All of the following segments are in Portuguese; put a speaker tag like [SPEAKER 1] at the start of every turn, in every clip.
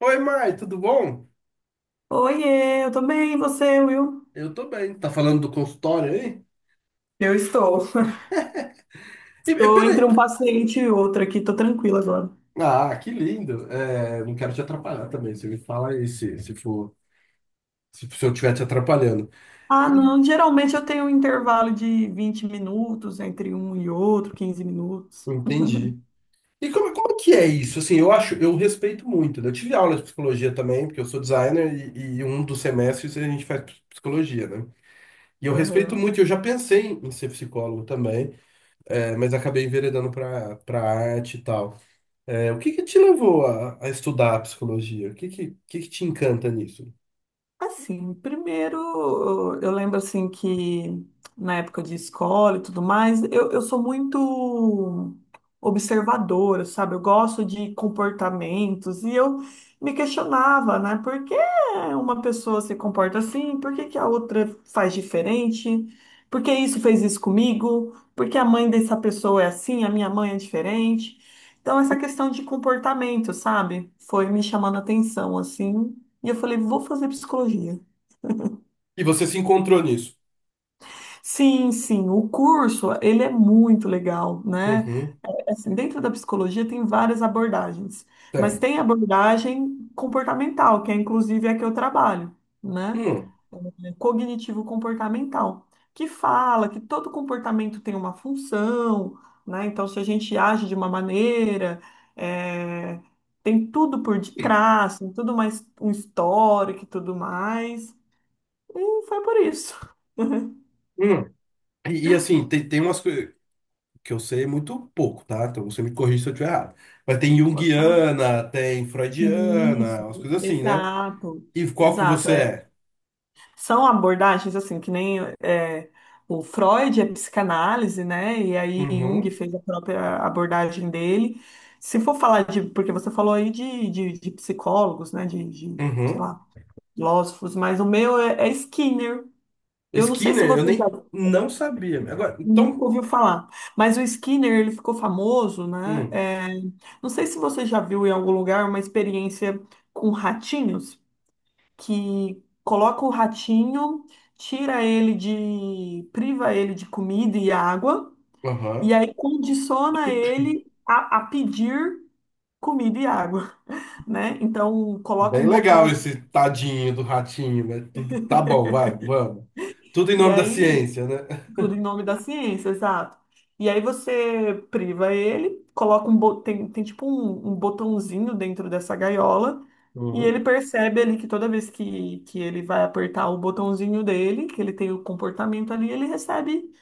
[SPEAKER 1] Oi, Mai, tudo bom?
[SPEAKER 2] Oiê, eu tô bem, e você, Will?
[SPEAKER 1] Eu tô bem. Tá falando do consultório aí?
[SPEAKER 2] Eu estou.
[SPEAKER 1] E,
[SPEAKER 2] Estou entre
[SPEAKER 1] peraí.
[SPEAKER 2] um paciente e outro aqui, tô tranquila agora.
[SPEAKER 1] Ah, que lindo. É, não quero te atrapalhar também. Você me fala aí se for, se eu estiver te atrapalhando.
[SPEAKER 2] Ah,
[SPEAKER 1] E-
[SPEAKER 2] não, geralmente eu tenho um intervalo de 20 minutos entre um e outro, 15 minutos.
[SPEAKER 1] Entendi. E como que é isso? Assim, eu acho, eu respeito muito. Né? Eu tive aula de psicologia também, porque eu sou designer e um dos semestres a gente faz psicologia, né? E eu respeito
[SPEAKER 2] Aham.
[SPEAKER 1] muito, eu já pensei em ser psicólogo também, mas acabei enveredando para arte e tal. O que que te levou a estudar a psicologia? O que que te encanta nisso?
[SPEAKER 2] Assim, primeiro, eu lembro assim que na época de escola e tudo mais, eu sou muito observadora, sabe? Eu gosto de comportamentos e eu me questionava, né? Por que uma pessoa se comporta assim? Por que que a outra faz diferente? Por que isso fez isso comigo? Por que a mãe dessa pessoa é assim? A minha mãe é diferente? Então, essa questão de comportamento, sabe? Foi me chamando a atenção, assim. E eu falei, vou fazer psicologia.
[SPEAKER 1] E você se encontrou nisso?
[SPEAKER 2] Sim, sim, o curso, ele é muito legal, né?
[SPEAKER 1] Uhum,
[SPEAKER 2] Assim, dentro da psicologia tem várias abordagens, mas
[SPEAKER 1] certo.
[SPEAKER 2] tem a abordagem comportamental, que é inclusive a que eu trabalho, né?
[SPEAKER 1] Hum,
[SPEAKER 2] É, cognitivo-comportamental, que fala que todo comportamento tem uma função, né? Então, se a gente age de uma maneira, eh, tem tudo por detrás, tem tudo mais um histórico e tudo mais. E foi por isso.
[SPEAKER 1] hum. E, assim, tem umas coisas que eu sei muito pouco, tá? Então você me corrige se eu estiver errado. Mas tem
[SPEAKER 2] Pode falar.
[SPEAKER 1] junguiana, tem freudiana,
[SPEAKER 2] Isso,
[SPEAKER 1] umas coisas assim, né?
[SPEAKER 2] exato,
[SPEAKER 1] E qual que
[SPEAKER 2] exato.
[SPEAKER 1] você
[SPEAKER 2] É,
[SPEAKER 1] é?
[SPEAKER 2] são abordagens assim, que nem é, o Freud é psicanálise, né? E aí Jung
[SPEAKER 1] Uhum,
[SPEAKER 2] fez a própria abordagem dele. Se for falar de, porque você falou aí de psicólogos, né? De, sei
[SPEAKER 1] uhum.
[SPEAKER 2] lá, filósofos, mas o meu é Skinner. Eu não sei se
[SPEAKER 1] Skinner, eu
[SPEAKER 2] você já.
[SPEAKER 1] nem não sabia. Agora,
[SPEAKER 2] Nunca
[SPEAKER 1] então,
[SPEAKER 2] ouviu falar. Mas o Skinner, ele ficou famoso, né?
[SPEAKER 1] hum,
[SPEAKER 2] É, não sei se você já viu em algum lugar uma experiência com ratinhos, que coloca o ratinho, tira ele de, priva ele de comida e água, e
[SPEAKER 1] aham.
[SPEAKER 2] aí condiciona ele a pedir comida e água, né? Então coloca
[SPEAKER 1] Bem
[SPEAKER 2] um
[SPEAKER 1] legal
[SPEAKER 2] botãozinho,
[SPEAKER 1] esse tadinho do ratinho, né? Tudo, tá bom, vai, vamos. Tudo em
[SPEAKER 2] e
[SPEAKER 1] nome da
[SPEAKER 2] aí.
[SPEAKER 1] ciência, né?
[SPEAKER 2] Tudo em nome da ciência, exato. E aí você priva ele, coloca um tem, tem tipo um, um botãozinho dentro dessa gaiola, e ele
[SPEAKER 1] Uhum.
[SPEAKER 2] percebe ali que toda vez que ele vai apertar o botãozinho dele, que ele tem o comportamento ali, ele recebe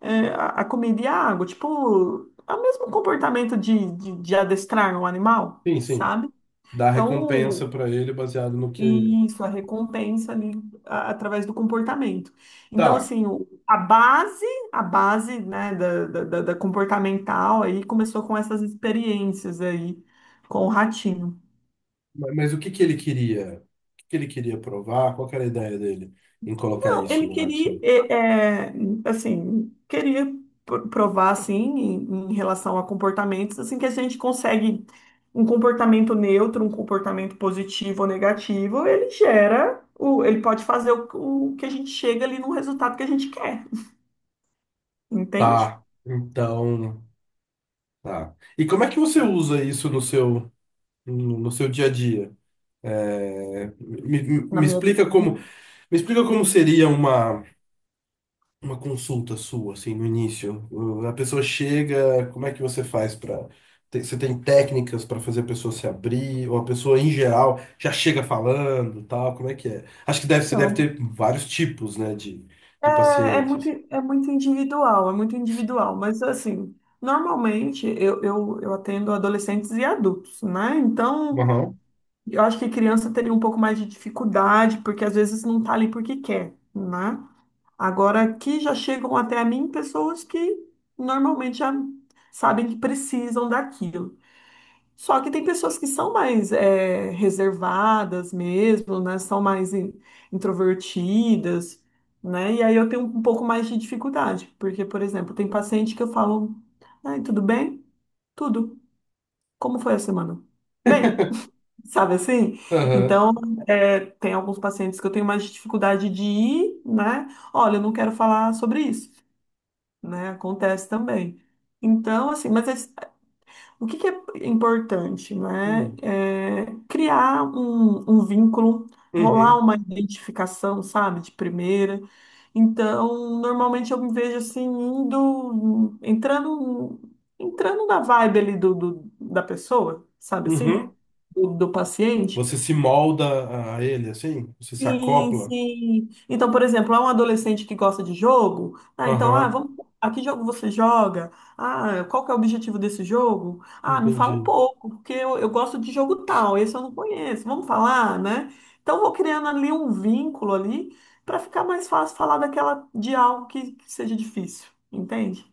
[SPEAKER 2] a comida e a água. Tipo, é o mesmo comportamento de adestrar um animal,
[SPEAKER 1] Sim, sim.
[SPEAKER 2] sabe?
[SPEAKER 1] Dá recompensa
[SPEAKER 2] Então,
[SPEAKER 1] pra ele baseado no que.
[SPEAKER 2] isso, a recompensa ali através do comportamento. Então,
[SPEAKER 1] Tá,
[SPEAKER 2] assim, a base, né, da comportamental aí começou com essas experiências aí com o ratinho.
[SPEAKER 1] mas o que que ele queria? O que que ele queria provar? Qual que era a ideia dele em colocar
[SPEAKER 2] Não,
[SPEAKER 1] isso
[SPEAKER 2] ele
[SPEAKER 1] no
[SPEAKER 2] queria,
[SPEAKER 1] ratinho?
[SPEAKER 2] é, é, assim, queria provar, assim, em relação a comportamentos, assim, que a gente consegue um comportamento neutro, um comportamento positivo ou negativo, ele gera, ele pode fazer o que a gente chega ali no resultado que a gente quer. Entende?
[SPEAKER 1] Tá, então. Tá. E como é que você usa isso no seu, no no seu dia a dia? É, me, me
[SPEAKER 2] Na
[SPEAKER 1] me
[SPEAKER 2] minha vida.
[SPEAKER 1] explica como seria uma. Uma consulta sua, assim, no início. A pessoa chega, como é que você faz para. Você tem técnicas para fazer a pessoa se abrir, ou a pessoa em geral já chega falando, tal, como é que é? Acho que deve, você deve
[SPEAKER 2] Então,
[SPEAKER 1] ter vários tipos, né, de
[SPEAKER 2] é, é muito,
[SPEAKER 1] pacientes.
[SPEAKER 2] é muito individual, é muito individual. Mas, assim, normalmente eu atendo adolescentes e adultos, né? Então,
[SPEAKER 1] Aham.
[SPEAKER 2] eu acho que criança teria um pouco mais de dificuldade, porque às vezes não tá ali porque quer, né? Agora, aqui já chegam até a mim pessoas que normalmente já sabem que precisam daquilo. Só que tem pessoas que são mais reservadas mesmo, né? São mais introvertidas, né? E aí eu tenho um pouco mais de dificuldade, porque, por exemplo, tem paciente que eu falo, ai, tudo bem? Tudo. Como foi a semana? Bem, sabe assim?
[SPEAKER 1] Aham.
[SPEAKER 2] Então, tem alguns pacientes que eu tenho mais dificuldade de ir, né? Olha, eu não quero falar sobre isso, né? Acontece também. Então, assim, mas o que que é importante, né?
[SPEAKER 1] Hum.
[SPEAKER 2] É criar um, um vínculo, rolar
[SPEAKER 1] Uhum.
[SPEAKER 2] uma identificação, sabe, de primeira. Então, normalmente eu me vejo assim, indo, entrando na vibe ali da pessoa, sabe assim?
[SPEAKER 1] Uhum.
[SPEAKER 2] Do paciente.
[SPEAKER 1] Você se molda a ele, assim? Você se
[SPEAKER 2] Sim,
[SPEAKER 1] acopla?
[SPEAKER 2] sim. Então, por exemplo, há um adolescente que gosta de jogo, ah, então, ah,
[SPEAKER 1] Aham.
[SPEAKER 2] vamos, a que jogo você joga? Ah, qual que é o objetivo desse jogo? Ah, me fala um
[SPEAKER 1] Entendi.
[SPEAKER 2] pouco, porque eu gosto de jogo tal, esse eu não conheço, vamos falar, né? Então, vou criando ali um vínculo ali para ficar mais fácil falar daquela de algo que seja difícil, entende?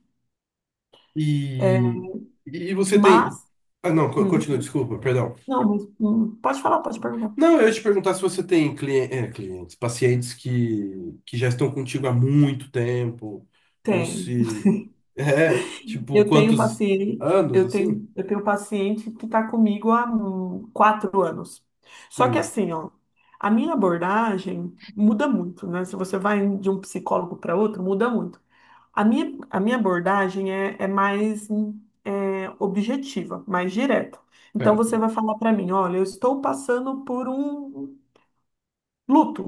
[SPEAKER 2] É,
[SPEAKER 1] E, e, você
[SPEAKER 2] Mas,
[SPEAKER 1] tem. Ah, não,
[SPEAKER 2] hum,
[SPEAKER 1] continua, desculpa, perdão.
[SPEAKER 2] não, mas, pode falar, pode perguntar.
[SPEAKER 1] Não, eu ia te perguntar se você tem clientes, pacientes que já estão contigo há muito tempo, ou
[SPEAKER 2] Tem.
[SPEAKER 1] se. É, tipo,
[SPEAKER 2] Eu tenho
[SPEAKER 1] quantos
[SPEAKER 2] paciente,
[SPEAKER 1] anos
[SPEAKER 2] eu
[SPEAKER 1] assim?
[SPEAKER 2] tenho, eu tenho paciente que está comigo há 4 anos. Só que
[SPEAKER 1] Hum,
[SPEAKER 2] assim, ó, a minha abordagem muda muito, né? Se você vai de um psicólogo para outro, muda muito. A minha abordagem é mais objetiva, mais direta. Então você
[SPEAKER 1] certo.
[SPEAKER 2] vai falar para mim, olha, eu estou passando por um luto.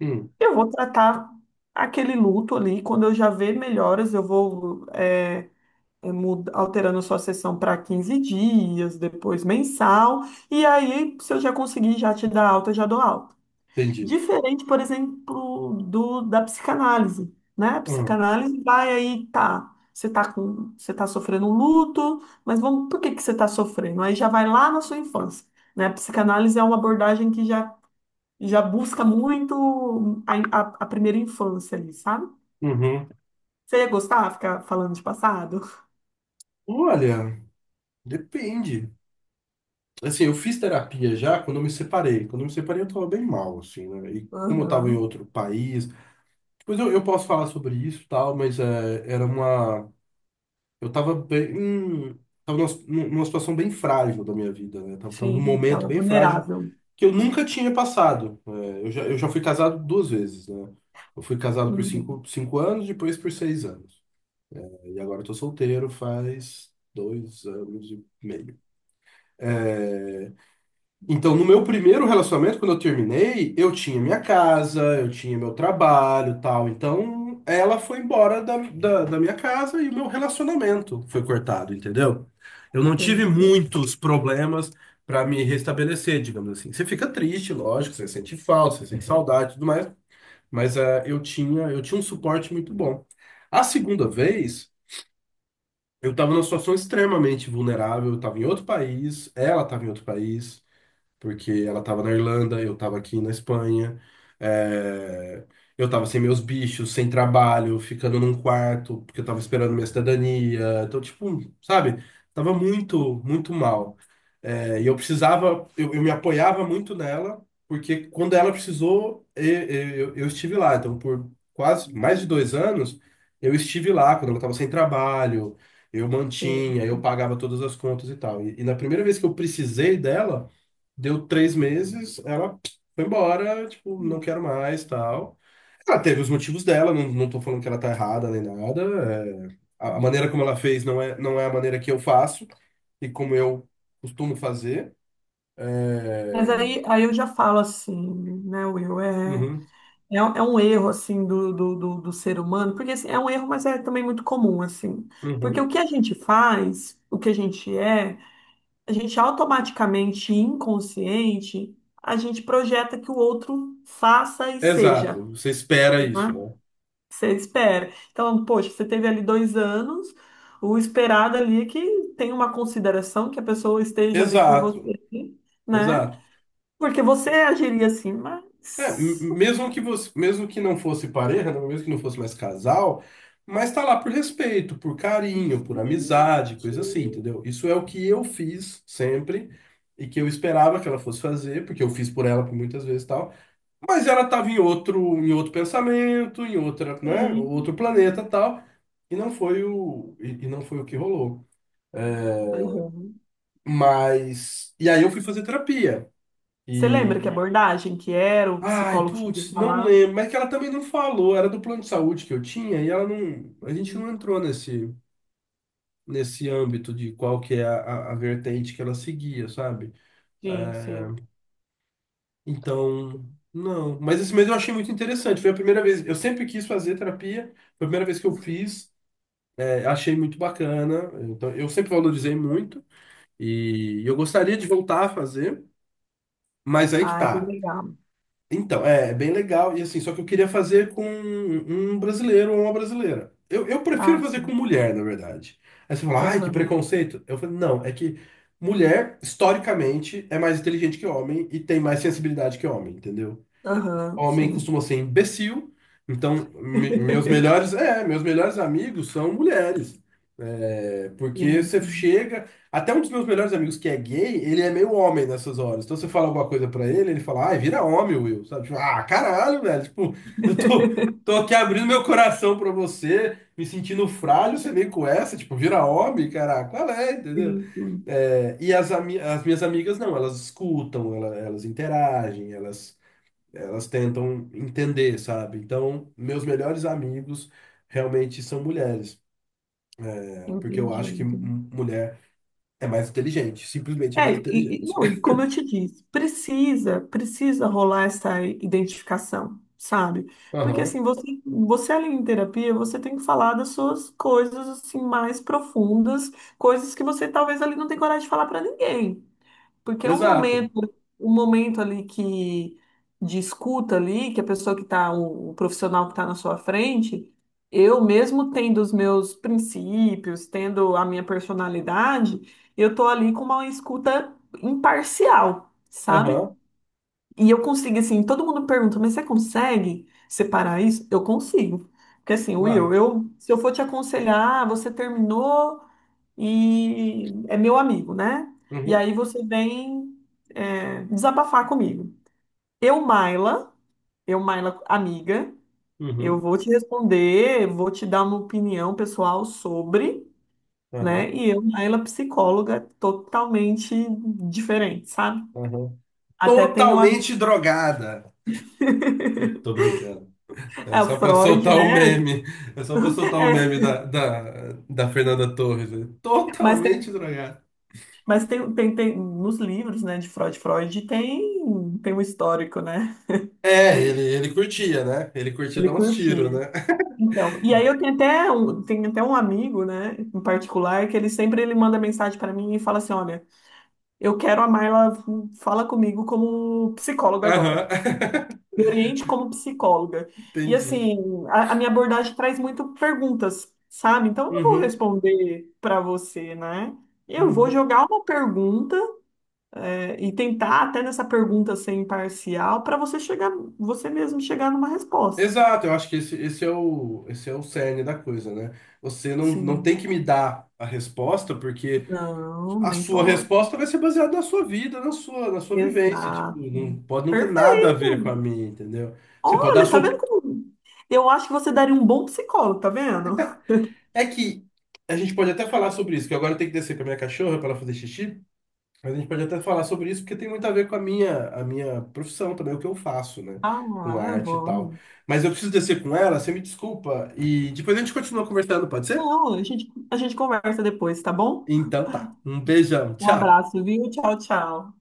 [SPEAKER 1] Hum,
[SPEAKER 2] Eu vou tratar aquele luto ali, quando eu já ver melhoras, eu vou alterando sua sessão para 15 dias, depois mensal, e aí, se eu já conseguir já te dar alta, eu já dou alta.
[SPEAKER 1] entendi.
[SPEAKER 2] Diferente, por exemplo, do da psicanálise, né? A
[SPEAKER 1] Ah,
[SPEAKER 2] psicanálise vai aí, tá. Você tá sofrendo um luto, mas vamos, por que que você tá sofrendo? Aí já vai lá na sua infância, né? A psicanálise é uma abordagem que já busca muito a, a primeira infância ali, sabe?
[SPEAKER 1] uhum.
[SPEAKER 2] Você ia gostar de ficar falando de passado?
[SPEAKER 1] Olha, depende. Assim, eu fiz terapia já quando eu me separei. Quando eu me separei, eu tava bem mal, assim, né? E como eu tava em
[SPEAKER 2] Aham.
[SPEAKER 1] outro país. Depois eu posso falar sobre isso e tal, mas era uma. Eu tava bem, tava numa situação bem frágil da minha vida, né? Tava num
[SPEAKER 2] Sim,
[SPEAKER 1] momento
[SPEAKER 2] estava
[SPEAKER 1] bem frágil
[SPEAKER 2] vulnerável.
[SPEAKER 1] que eu nunca tinha passado. É, eu já fui casado 2 vezes, né? Eu fui casado por
[SPEAKER 2] Uhum.
[SPEAKER 1] 5 anos, depois por 6 anos. E agora eu tô solteiro faz 2 anos e meio. Então, no meu primeiro relacionamento, quando eu terminei, eu tinha minha casa, eu tinha meu trabalho, tal. Então, ela foi embora da minha casa e o meu relacionamento foi cortado, entendeu? Eu não tive
[SPEAKER 2] Sim, sim,
[SPEAKER 1] muitos problemas para me restabelecer, digamos assim. Você fica triste, lógico, você sente falta, você sente saudade, e tudo mais. Mas eu tinha um suporte muito bom. A segunda vez, eu estava numa situação extremamente vulnerável, eu estava em outro país, ela estava em outro país porque ela estava na Irlanda, eu estava aqui na Espanha, é, eu estava sem meus bichos, sem trabalho, ficando num quarto, porque eu estava esperando minha cidadania. Então, tipo, sabe, tava muito, muito mal. É, e eu precisava, eu me apoiava muito nela, porque quando ela precisou, eu estive lá. Então, por quase mais de 2 anos, eu estive lá quando ela estava sem trabalho. Eu
[SPEAKER 2] sim.
[SPEAKER 1] mantinha, eu pagava todas as contas e tal. E na primeira vez que eu precisei dela, deu 3 meses, ela foi embora, tipo, não quero mais, tal. Ela teve os motivos dela, não, não tô falando que ela tá errada nem nada. A
[SPEAKER 2] Uhum.
[SPEAKER 1] maneira como ela fez não é a maneira que eu faço e como eu costumo fazer.
[SPEAKER 2] Mas
[SPEAKER 1] É,
[SPEAKER 2] aí eu já falo assim, né, Will?
[SPEAKER 1] uhum,
[SPEAKER 2] Um é um erro, assim, do ser humano, porque assim, é um erro, mas é também muito comum, assim. Porque o
[SPEAKER 1] uhum.
[SPEAKER 2] que a gente faz, o que a gente é, a gente automaticamente, inconsciente, a gente projeta que o outro faça e seja.
[SPEAKER 1] Exato, você espera isso,
[SPEAKER 2] Né?
[SPEAKER 1] né?
[SPEAKER 2] Você espera. Então, poxa, você teve ali 2 anos, o esperado ali é que tem uma consideração, que a pessoa esteja ali por
[SPEAKER 1] Exato,
[SPEAKER 2] você, né?
[SPEAKER 1] exato.
[SPEAKER 2] Porque você agiria assim, mas.
[SPEAKER 1] É, mesmo que você, mesmo que não fosse pareja, né, mesmo que não fosse mais casal, mas tá lá por respeito, por carinho, por
[SPEAKER 2] Gente,
[SPEAKER 1] amizade, coisa assim, entendeu? Isso é o que eu fiz sempre e que eu esperava que ela fosse fazer, porque eu fiz por ela por muitas vezes e tal. Mas ela tava em outro pensamento, em outra, né, outro
[SPEAKER 2] gente.
[SPEAKER 1] planeta, e tal, e não foi o que rolou. É,
[SPEAKER 2] Uhum.
[SPEAKER 1] mas e aí eu fui fazer terapia.
[SPEAKER 2] Você lembra que abordagem que era, o
[SPEAKER 1] Ai,
[SPEAKER 2] psicólogo chegou a
[SPEAKER 1] putz, não
[SPEAKER 2] falar?
[SPEAKER 1] lembro, mas que ela também não falou, era do plano de saúde que eu tinha e ela não, a gente não entrou nesse âmbito de qual que é a vertente que ela seguia, sabe?
[SPEAKER 2] Sim, sim.
[SPEAKER 1] Então, não, mas esse mês eu achei muito interessante, foi a primeira vez, eu sempre quis fazer terapia, foi a primeira vez que eu fiz, é, achei muito bacana, então eu sempre valorizei muito e eu gostaria de voltar a fazer, mas aí que
[SPEAKER 2] Ah, é bem
[SPEAKER 1] tá.
[SPEAKER 2] legal.
[SPEAKER 1] Então, é bem legal. E assim, só que eu queria fazer com um brasileiro ou uma brasileira. Eu prefiro
[SPEAKER 2] Ah,
[SPEAKER 1] fazer com
[SPEAKER 2] sim.
[SPEAKER 1] mulher, na verdade. Aí você fala, ai, que
[SPEAKER 2] Aham,
[SPEAKER 1] preconceito. Eu falei, não, é que mulher, historicamente, é mais inteligente que homem e tem mais sensibilidade que homem, entendeu?
[SPEAKER 2] aham,
[SPEAKER 1] Homem
[SPEAKER 2] sim.
[SPEAKER 1] costuma ser imbecil, então me- meus melhores, é, meus melhores amigos são mulheres. É, porque
[SPEAKER 2] Sim,
[SPEAKER 1] você
[SPEAKER 2] sim.
[SPEAKER 1] chega, até um dos meus melhores amigos que é gay, ele é meio homem nessas horas. Então você fala alguma coisa pra ele, ele fala: "Ai, vira homem, Will", sabe? Tipo, ah, caralho, velho, tipo, eu tô Tô aqui abrindo meu coração pra você, me sentindo frágil, você vem com essa, tipo, vira homem, caraca, qual é, entendeu?
[SPEAKER 2] Sim, sim.
[SPEAKER 1] É, e as minhas amigas não, elas escutam, elas interagem, elas tentam entender, sabe? Então, meus melhores amigos realmente são mulheres, é, porque eu
[SPEAKER 2] Entendi.
[SPEAKER 1] acho que mulher é mais inteligente, simplesmente é mais inteligente.
[SPEAKER 2] Não, e como eu te disse, precisa rolar essa identificação, sabe? Porque
[SPEAKER 1] Aham,
[SPEAKER 2] assim, você ali em terapia, você tem que falar das suas coisas assim mais profundas, coisas que você talvez ali não tenha coragem de falar pra ninguém. Porque é um
[SPEAKER 1] exato.
[SPEAKER 2] momento, um momento ali que de escuta ali, que a pessoa que está, o profissional que está na sua frente, eu mesmo tendo os meus princípios, tendo a minha personalidade, eu tô ali com uma escuta imparcial, sabe?
[SPEAKER 1] Aham,
[SPEAKER 2] E eu consigo, assim, todo mundo pergunta, mas você consegue separar isso? Eu consigo. Porque assim, Will,
[SPEAKER 1] lá.
[SPEAKER 2] se eu for te aconselhar, ah, você terminou e é meu amigo, né? E
[SPEAKER 1] Uhum,
[SPEAKER 2] aí você vem desabafar comigo. Eu, Maila, eu, Maila, amiga, eu
[SPEAKER 1] uhum,
[SPEAKER 2] vou te responder, vou te dar uma opinião pessoal sobre,
[SPEAKER 1] aham,
[SPEAKER 2] né? E eu, Maila, psicóloga, totalmente diferente, sabe?
[SPEAKER 1] aham.
[SPEAKER 2] Até tenho a.
[SPEAKER 1] Totalmente drogada. Tô brincando. É
[SPEAKER 2] O
[SPEAKER 1] só pra
[SPEAKER 2] Freud,
[SPEAKER 1] soltar o
[SPEAKER 2] né?
[SPEAKER 1] meme. É só pra soltar o meme
[SPEAKER 2] É,
[SPEAKER 1] da Fernanda Torres. Né?
[SPEAKER 2] mas tem,
[SPEAKER 1] Totalmente drogada.
[SPEAKER 2] mas tem nos livros, né, de Freud, tem um histórico, né?
[SPEAKER 1] É, ele curtia, né? Ele curtia
[SPEAKER 2] Ele
[SPEAKER 1] dar uns tiros,
[SPEAKER 2] curtia.
[SPEAKER 1] né?
[SPEAKER 2] Então, e aí eu tenho até um amigo, né, em particular, que ele sempre ele manda mensagem pra mim e fala assim, olha, eu quero a Marla fala comigo como psicóloga
[SPEAKER 1] Aham.
[SPEAKER 2] agora. Me oriente como psicóloga. E
[SPEAKER 1] Entendi.
[SPEAKER 2] assim, a minha abordagem traz muito perguntas, sabe? Então eu não vou
[SPEAKER 1] Uhum,
[SPEAKER 2] responder pra você, né? Eu vou
[SPEAKER 1] uhum.
[SPEAKER 2] jogar uma pergunta e tentar até nessa pergunta ser imparcial pra você chegar, você mesmo chegar numa resposta.
[SPEAKER 1] Exato, eu acho que esse é o cerne da coisa, né? Você não, não
[SPEAKER 2] Assim,
[SPEAKER 1] tem que me dar a resposta, porque
[SPEAKER 2] não,
[SPEAKER 1] a
[SPEAKER 2] nem
[SPEAKER 1] sua
[SPEAKER 2] posso.
[SPEAKER 1] resposta vai ser baseada na sua vida, na sua vivência. Tipo, não,
[SPEAKER 2] Exato.
[SPEAKER 1] pode não ter nada a ver com a
[SPEAKER 2] Perfeito.
[SPEAKER 1] minha, entendeu? Você pode dar a
[SPEAKER 2] Olha, tá
[SPEAKER 1] sua.
[SPEAKER 2] vendo como. Eu acho que você daria um bom psicólogo, tá vendo?
[SPEAKER 1] É que a gente pode até falar sobre isso, que agora eu tenho que descer com a minha cachorra para ela fazer xixi. Mas a gente pode até falar sobre isso, porque tem muito a ver com a minha profissão também, o que eu faço, né? Com
[SPEAKER 2] Ah, é
[SPEAKER 1] arte e tal.
[SPEAKER 2] bom.
[SPEAKER 1] Mas eu preciso descer com ela, você me desculpa. E depois a gente continua conversando, pode ser?
[SPEAKER 2] Não, a gente conversa depois, tá bom?
[SPEAKER 1] Então tá. Um beijão,
[SPEAKER 2] Um
[SPEAKER 1] tchau.
[SPEAKER 2] abraço, viu? Tchau, tchau.